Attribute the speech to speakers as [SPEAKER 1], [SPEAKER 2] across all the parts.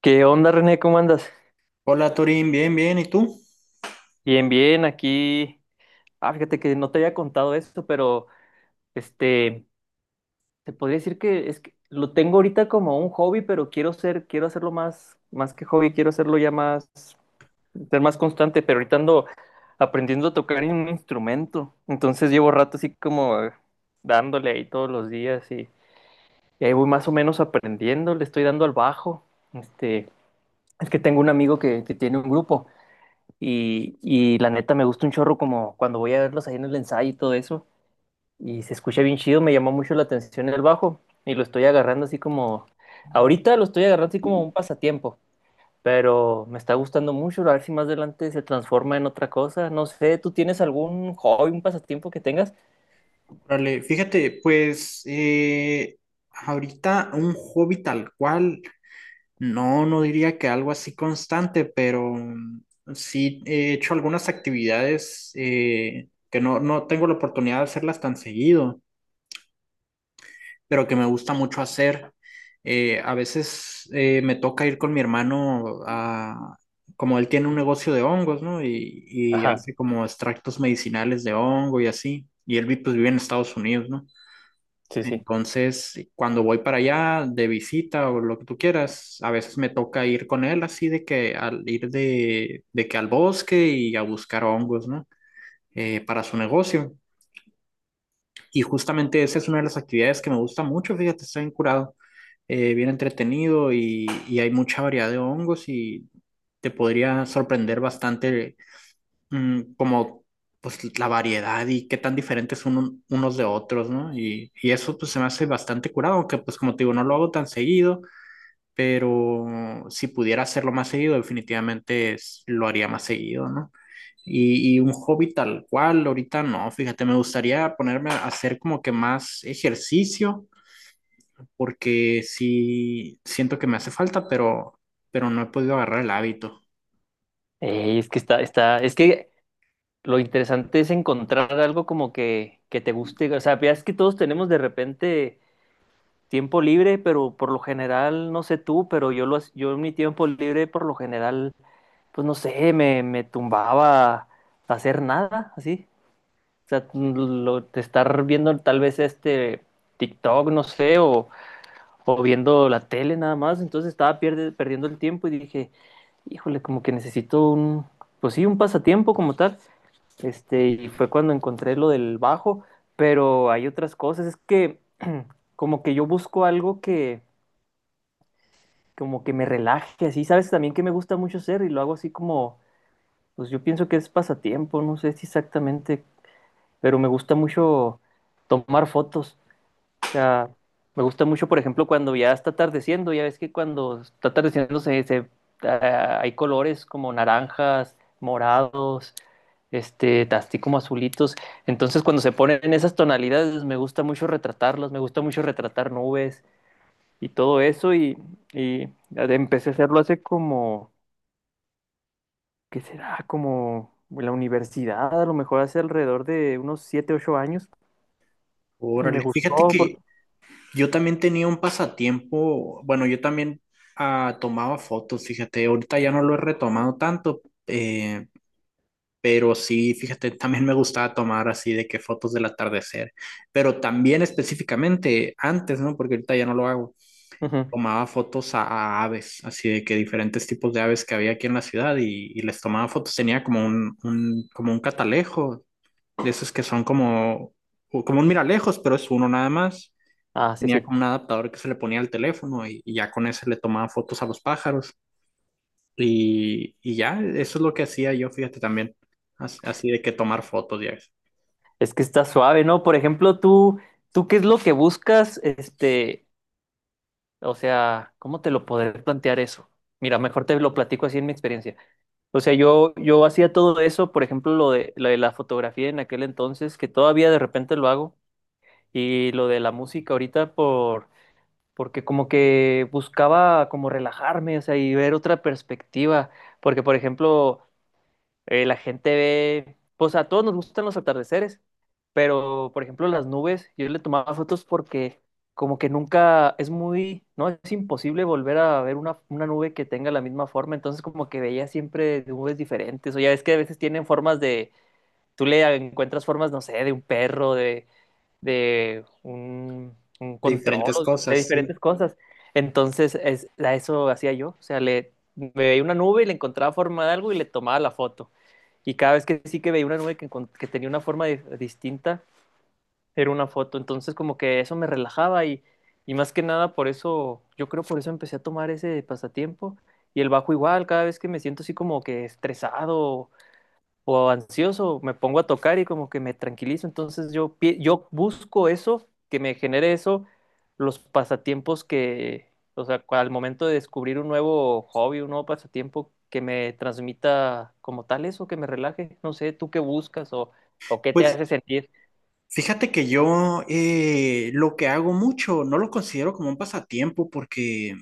[SPEAKER 1] ¿Qué onda, René? ¿Cómo andas?
[SPEAKER 2] Hola Torín, bien, bien, ¿y tú?
[SPEAKER 1] Bien, bien, aquí. Ah, fíjate que no te había contado esto, pero este, te podría decir que es que lo tengo ahorita como un hobby, pero quiero ser, quiero hacerlo más, más que hobby, quiero hacerlo ya más, ser más constante, pero ahorita ando aprendiendo a tocar en un instrumento. Entonces llevo rato así como dándole ahí todos los días y ahí voy más o menos aprendiendo, le estoy dando al bajo. Este, es que tengo un amigo que tiene un grupo. Y la neta me gusta un chorro como cuando voy a verlos ahí en el ensayo y todo eso. Y se escucha bien chido, me llamó mucho la atención el bajo. Y lo estoy agarrando así como... Ahorita lo estoy agarrando así como un pasatiempo. Pero me está gustando mucho, a ver si más adelante se transforma en otra cosa. No sé, ¿tú tienes algún hobby, un pasatiempo que tengas?
[SPEAKER 2] Órale, fíjate, pues ahorita un hobby tal cual, no, no diría que algo así constante, pero sí he hecho algunas actividades que no, no tengo la oportunidad de hacerlas tan seguido, pero que me gusta mucho hacer. A veces me toca ir con mi hermano como él tiene un negocio de hongos, ¿no? Y
[SPEAKER 1] Ajá,
[SPEAKER 2] hace como extractos medicinales de hongo y así. Y él pues, vive en Estados Unidos, ¿no?
[SPEAKER 1] sí, sí.
[SPEAKER 2] Entonces, cuando voy para allá de visita o lo que tú quieras, a veces me toca ir con él así de que al ir de que al bosque y a buscar hongos, ¿no? Para su negocio. Y justamente esa es una de las actividades que me gusta mucho, fíjate, está bien curado, bien entretenido y hay mucha variedad de hongos y te podría sorprender bastante, como pues la variedad y qué tan diferentes son unos de otros, ¿no? Y eso pues se me hace bastante curado, aunque pues como te digo, no lo hago tan seguido, pero si pudiera hacerlo más seguido, definitivamente lo haría más seguido, ¿no? Y un hobby tal cual, ahorita no, fíjate, me gustaría ponerme a hacer como que más ejercicio, porque sí siento que me hace falta, pero no he podido agarrar el hábito.
[SPEAKER 1] Ey, es que lo interesante es encontrar algo como que te guste. O sea, veas que todos tenemos de repente tiempo libre, pero por lo general, no sé tú, pero yo en mi tiempo libre, por lo general, pues no sé, me tumbaba a hacer nada, así. O sea, mm, de estar viendo tal vez TikTok, no sé, o viendo la tele nada más. Entonces estaba perdiendo el tiempo y dije, híjole, como que necesito un, pues sí, un pasatiempo como tal. Y fue cuando encontré lo del bajo, pero hay otras cosas. Es que como que yo busco algo que, como que me relaje, así, sabes también que me gusta mucho hacer y lo hago así como, pues yo pienso que es pasatiempo, no sé si exactamente, pero me gusta mucho tomar fotos, o sea, me gusta mucho, por ejemplo, cuando ya está atardeciendo, ya ves que cuando está ah, hay colores como naranjas, morados, así como azulitos, entonces cuando se ponen en esas tonalidades me gusta mucho retratarlas, me gusta mucho retratar nubes y todo y empecé a hacerlo hace como ¿qué será? Como la universidad, a lo mejor hace alrededor de unos 7 u 8 años. Y me
[SPEAKER 2] Órale, fíjate
[SPEAKER 1] gustó
[SPEAKER 2] que
[SPEAKER 1] porque...
[SPEAKER 2] yo también tenía un pasatiempo, bueno, yo también tomaba fotos, fíjate, ahorita ya no lo he retomado tanto, eh, pero sí, fíjate, también me gustaba tomar así de que fotos del atardecer, pero también específicamente antes, ¿no? Porque ahorita ya no lo hago.
[SPEAKER 1] Ujú.
[SPEAKER 2] Tomaba fotos a aves, así de que diferentes tipos de aves que había aquí en la ciudad y les tomaba fotos. Tenía como como un catalejo, de esos que son como un miralejos, pero es uno nada más.
[SPEAKER 1] Ah, sí,
[SPEAKER 2] Tenía
[SPEAKER 1] sí.
[SPEAKER 2] como un adaptador que se le ponía al teléfono y ya con ese le tomaba fotos a los pájaros. Y ya, eso es lo que hacía yo, fíjate también, así, de que tomar fotos ya,
[SPEAKER 1] Es que está suave, ¿no? Por ejemplo, tú, ¿tú qué es lo que buscas? O sea, ¿cómo te lo podré plantear eso? Mira, mejor te lo platico así en mi experiencia. O sea, yo hacía todo eso, por ejemplo, lo de la fotografía en aquel entonces, que todavía de repente lo hago, y lo de la música ahorita porque como que buscaba como relajarme, o sea, y ver otra perspectiva, porque por ejemplo, la gente ve, pues a todos nos gustan los atardeceres, pero por ejemplo las nubes, yo le tomaba fotos porque como que nunca es muy, no, es imposible volver a ver una nube que tenga la misma forma, entonces como que veía siempre nubes diferentes, o ya ves que a veces tienen formas tú le encuentras formas, no sé, de un perro, un
[SPEAKER 2] de
[SPEAKER 1] control,
[SPEAKER 2] diferentes
[SPEAKER 1] o de
[SPEAKER 2] cosas, sí.
[SPEAKER 1] diferentes cosas. Entonces, es, a eso hacía yo. O sea, le, me veía una nube y le encontraba forma de algo y le tomaba la foto. Y cada vez que sí que veía una nube que tenía una forma distinta, era una foto. Entonces, como que eso me relajaba, y más que nada por eso, yo creo por eso empecé a tomar ese pasatiempo. Y el bajo igual, cada vez que me siento así como que estresado o ansioso, me pongo a tocar y como que me tranquilizo. Entonces yo busco eso, que me genere eso, los pasatiempos que, o sea, al momento de descubrir un nuevo hobby, un nuevo pasatiempo, que me transmita como tal eso, que me relaje. No sé, ¿tú qué buscas o qué te
[SPEAKER 2] Pues,
[SPEAKER 1] hace sentir?
[SPEAKER 2] fíjate que yo, lo que hago mucho no lo considero como un pasatiempo porque,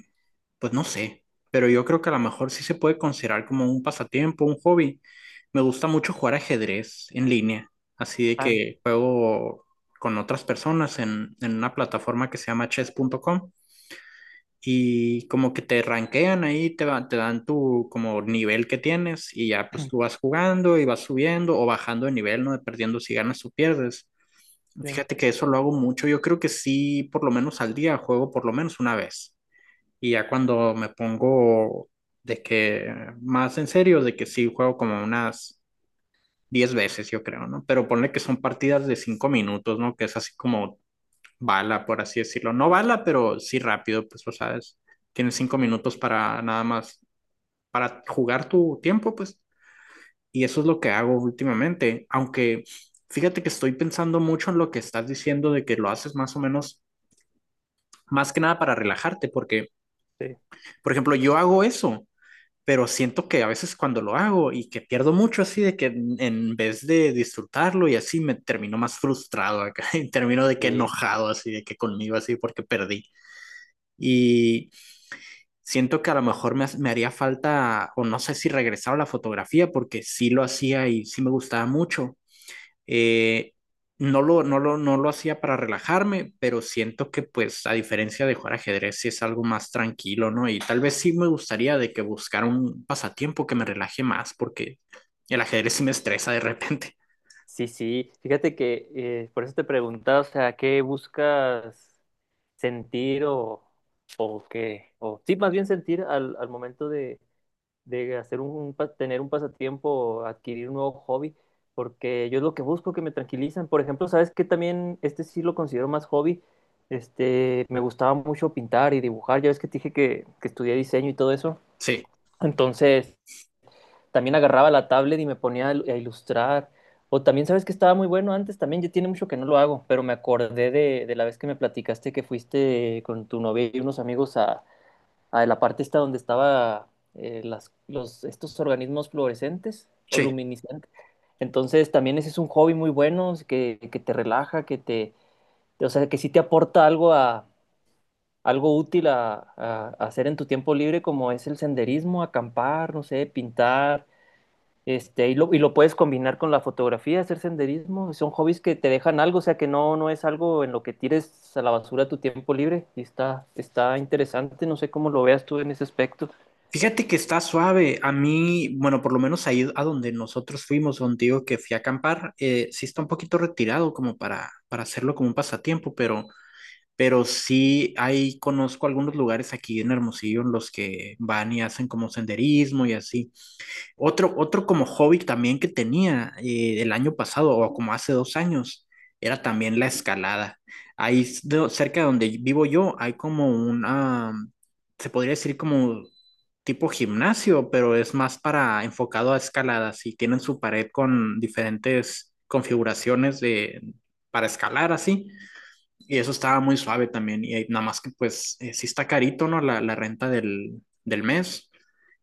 [SPEAKER 2] pues no sé, pero yo creo que a lo mejor sí se puede considerar como un pasatiempo, un hobby. Me gusta mucho jugar ajedrez en línea, así de
[SPEAKER 1] Ah,
[SPEAKER 2] que juego con otras personas en una plataforma que se llama chess.com, y como que te rankean ahí, te dan tu como nivel que tienes y ya pues tú vas jugando y vas subiendo o bajando de nivel, ¿no? Dependiendo si ganas o pierdes.
[SPEAKER 1] sí,
[SPEAKER 2] Fíjate que eso lo hago mucho, yo creo que sí, por lo menos al día juego por lo menos una vez. Y ya cuando me pongo de que más en serio, de que sí juego como unas 10 veces, yo creo, ¿no? Pero ponle que son partidas de 5 minutos, ¿no? Que es así como bala, por así decirlo. No bala, pero sí rápido, pues, o sabes, tienes 5 minutos para nada más, para jugar tu tiempo, pues. Y eso es lo que hago últimamente, aunque fíjate que estoy pensando mucho en lo que estás diciendo de que lo haces más o menos, más que nada para relajarte, porque,
[SPEAKER 1] sí.
[SPEAKER 2] por ejemplo, yo hago eso, pero siento que a veces cuando lo hago y que pierdo mucho así de que en vez de disfrutarlo y así me termino más frustrado acá y termino de que
[SPEAKER 1] Sí,
[SPEAKER 2] enojado así de que conmigo así porque perdí, y siento que a lo mejor me haría falta o no sé si regresar a la fotografía porque sí lo hacía y sí me gustaba mucho, eh, no lo hacía para relajarme, pero siento que pues a diferencia de jugar ajedrez sí es algo más tranquilo, ¿no? Y tal vez sí me gustaría de que buscar un pasatiempo que me relaje más porque el ajedrez sí me estresa de repente.
[SPEAKER 1] sí, sí. Fíjate que por eso te preguntaba, o sea, ¿qué buscas sentir o qué? O, sí, más bien sentir al momento de hacer un, tener un pasatiempo, adquirir un nuevo hobby, porque yo es lo que busco, que me tranquilizan. Por ejemplo, ¿sabes qué? También este sí lo considero más hobby. Me gustaba mucho pintar y dibujar. Ya ves que te dije que estudié diseño y todo eso.
[SPEAKER 2] Sí,
[SPEAKER 1] Entonces, también agarraba la tablet y me ponía a ilustrar. O también, ¿sabes que estaba muy bueno antes? También ya tiene mucho que no lo hago, pero me acordé de la vez que me platicaste que fuiste con tu novia y unos amigos a la parte esta donde estaba estos organismos fluorescentes o
[SPEAKER 2] sí.
[SPEAKER 1] luminiscentes. Entonces también ese es un hobby muy bueno es que te relaja, que te, o sea, que sí te aporta algo a, algo útil a hacer en tu tiempo libre, como es el senderismo, acampar, no sé, pintar, y lo puedes combinar con la fotografía, hacer senderismo. Son hobbies que te dejan algo, o sea que no, no es algo en lo que tires a la basura tu tiempo libre. Está interesante, no sé cómo lo veas tú en ese aspecto.
[SPEAKER 2] Fíjate que está suave. A mí, bueno, por lo menos ahí a donde nosotros fuimos, contigo que fui a acampar, sí está un poquito retirado como para hacerlo como un pasatiempo, pero sí ahí conozco algunos lugares aquí en Hermosillo en los que van y hacen como senderismo y así. Otro, otro como hobby también que tenía, el año pasado o como hace 2 años era también la escalada. Cerca de donde vivo yo hay como una, se podría decir como tipo gimnasio, pero es más para enfocado a escaladas y tienen su pared con diferentes configuraciones de, para escalar así. Y eso estaba muy suave también. Y nada más que pues, sí está carito, ¿no? La renta del mes.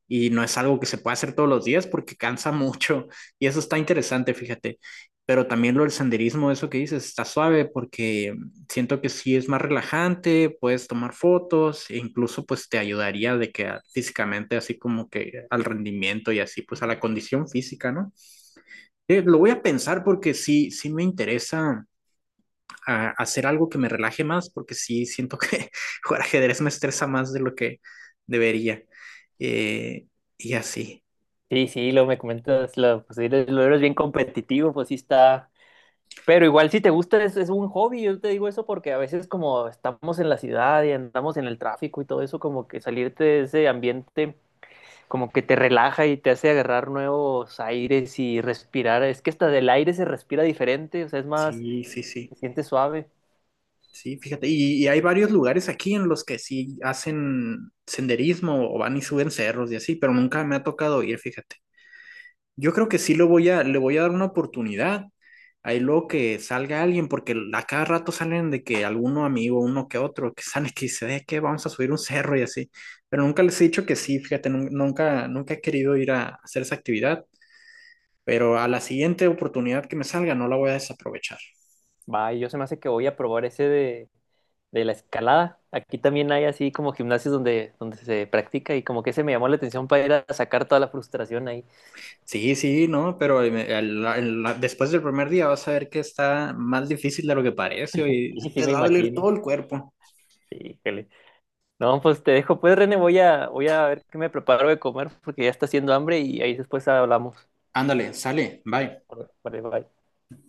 [SPEAKER 2] Y no es algo que se pueda hacer todos los días porque cansa mucho. Y eso está interesante, fíjate. Pero también lo del senderismo, eso que dices, está suave porque siento que sí es más relajante, puedes tomar fotos e incluso pues te ayudaría de que físicamente así como que al rendimiento y así pues a la condición física, ¿no? Lo voy a pensar porque sí, sí me interesa a hacer algo que me relaje más, porque sí siento que jugar ajedrez me estresa más de lo que debería. Eh, y así,
[SPEAKER 1] Sí, sí, lo me comentas, pues eres, lo eres bien competitivo, pues sí está. Pero igual si te gusta es un hobby, yo te digo eso porque a veces como estamos en la ciudad y andamos en el tráfico y todo eso, como que salirte de ese ambiente como que te relaja y te hace agarrar nuevos aires y respirar. Es que hasta del aire se respira diferente, o sea, es más,
[SPEAKER 2] sí, sí,
[SPEAKER 1] se
[SPEAKER 2] sí.
[SPEAKER 1] siente suave.
[SPEAKER 2] Sí, fíjate, y hay varios lugares aquí en los que sí hacen senderismo o van y suben cerros y así, pero nunca me ha tocado ir, fíjate. Yo creo que sí lo le voy a dar una oportunidad. Ahí luego que salga alguien, porque a cada rato salen de que alguno amigo, uno que otro, que sale que dice, que vamos a subir un cerro y así". Pero nunca les he dicho que sí, fíjate, nunca, nunca he querido ir a hacer esa actividad, pero a la siguiente oportunidad que me salga no la voy a desaprovechar.
[SPEAKER 1] Va, y yo se me hace que voy a probar de la escalada. Aquí también hay así como gimnasios donde, donde se practica y como que ese me llamó la atención para ir a sacar toda la frustración ahí.
[SPEAKER 2] Sí, sí, no, pero después del primer día vas a ver que está más difícil de lo que parece y
[SPEAKER 1] Sí, sí
[SPEAKER 2] te
[SPEAKER 1] me
[SPEAKER 2] va a doler todo
[SPEAKER 1] imagino.
[SPEAKER 2] el cuerpo.
[SPEAKER 1] Híjole. No, pues te dejo, pues René, voy a ver qué me preparo de comer porque ya está haciendo hambre y ahí después hablamos.
[SPEAKER 2] Ándale, sale, bye.
[SPEAKER 1] Vale, bye.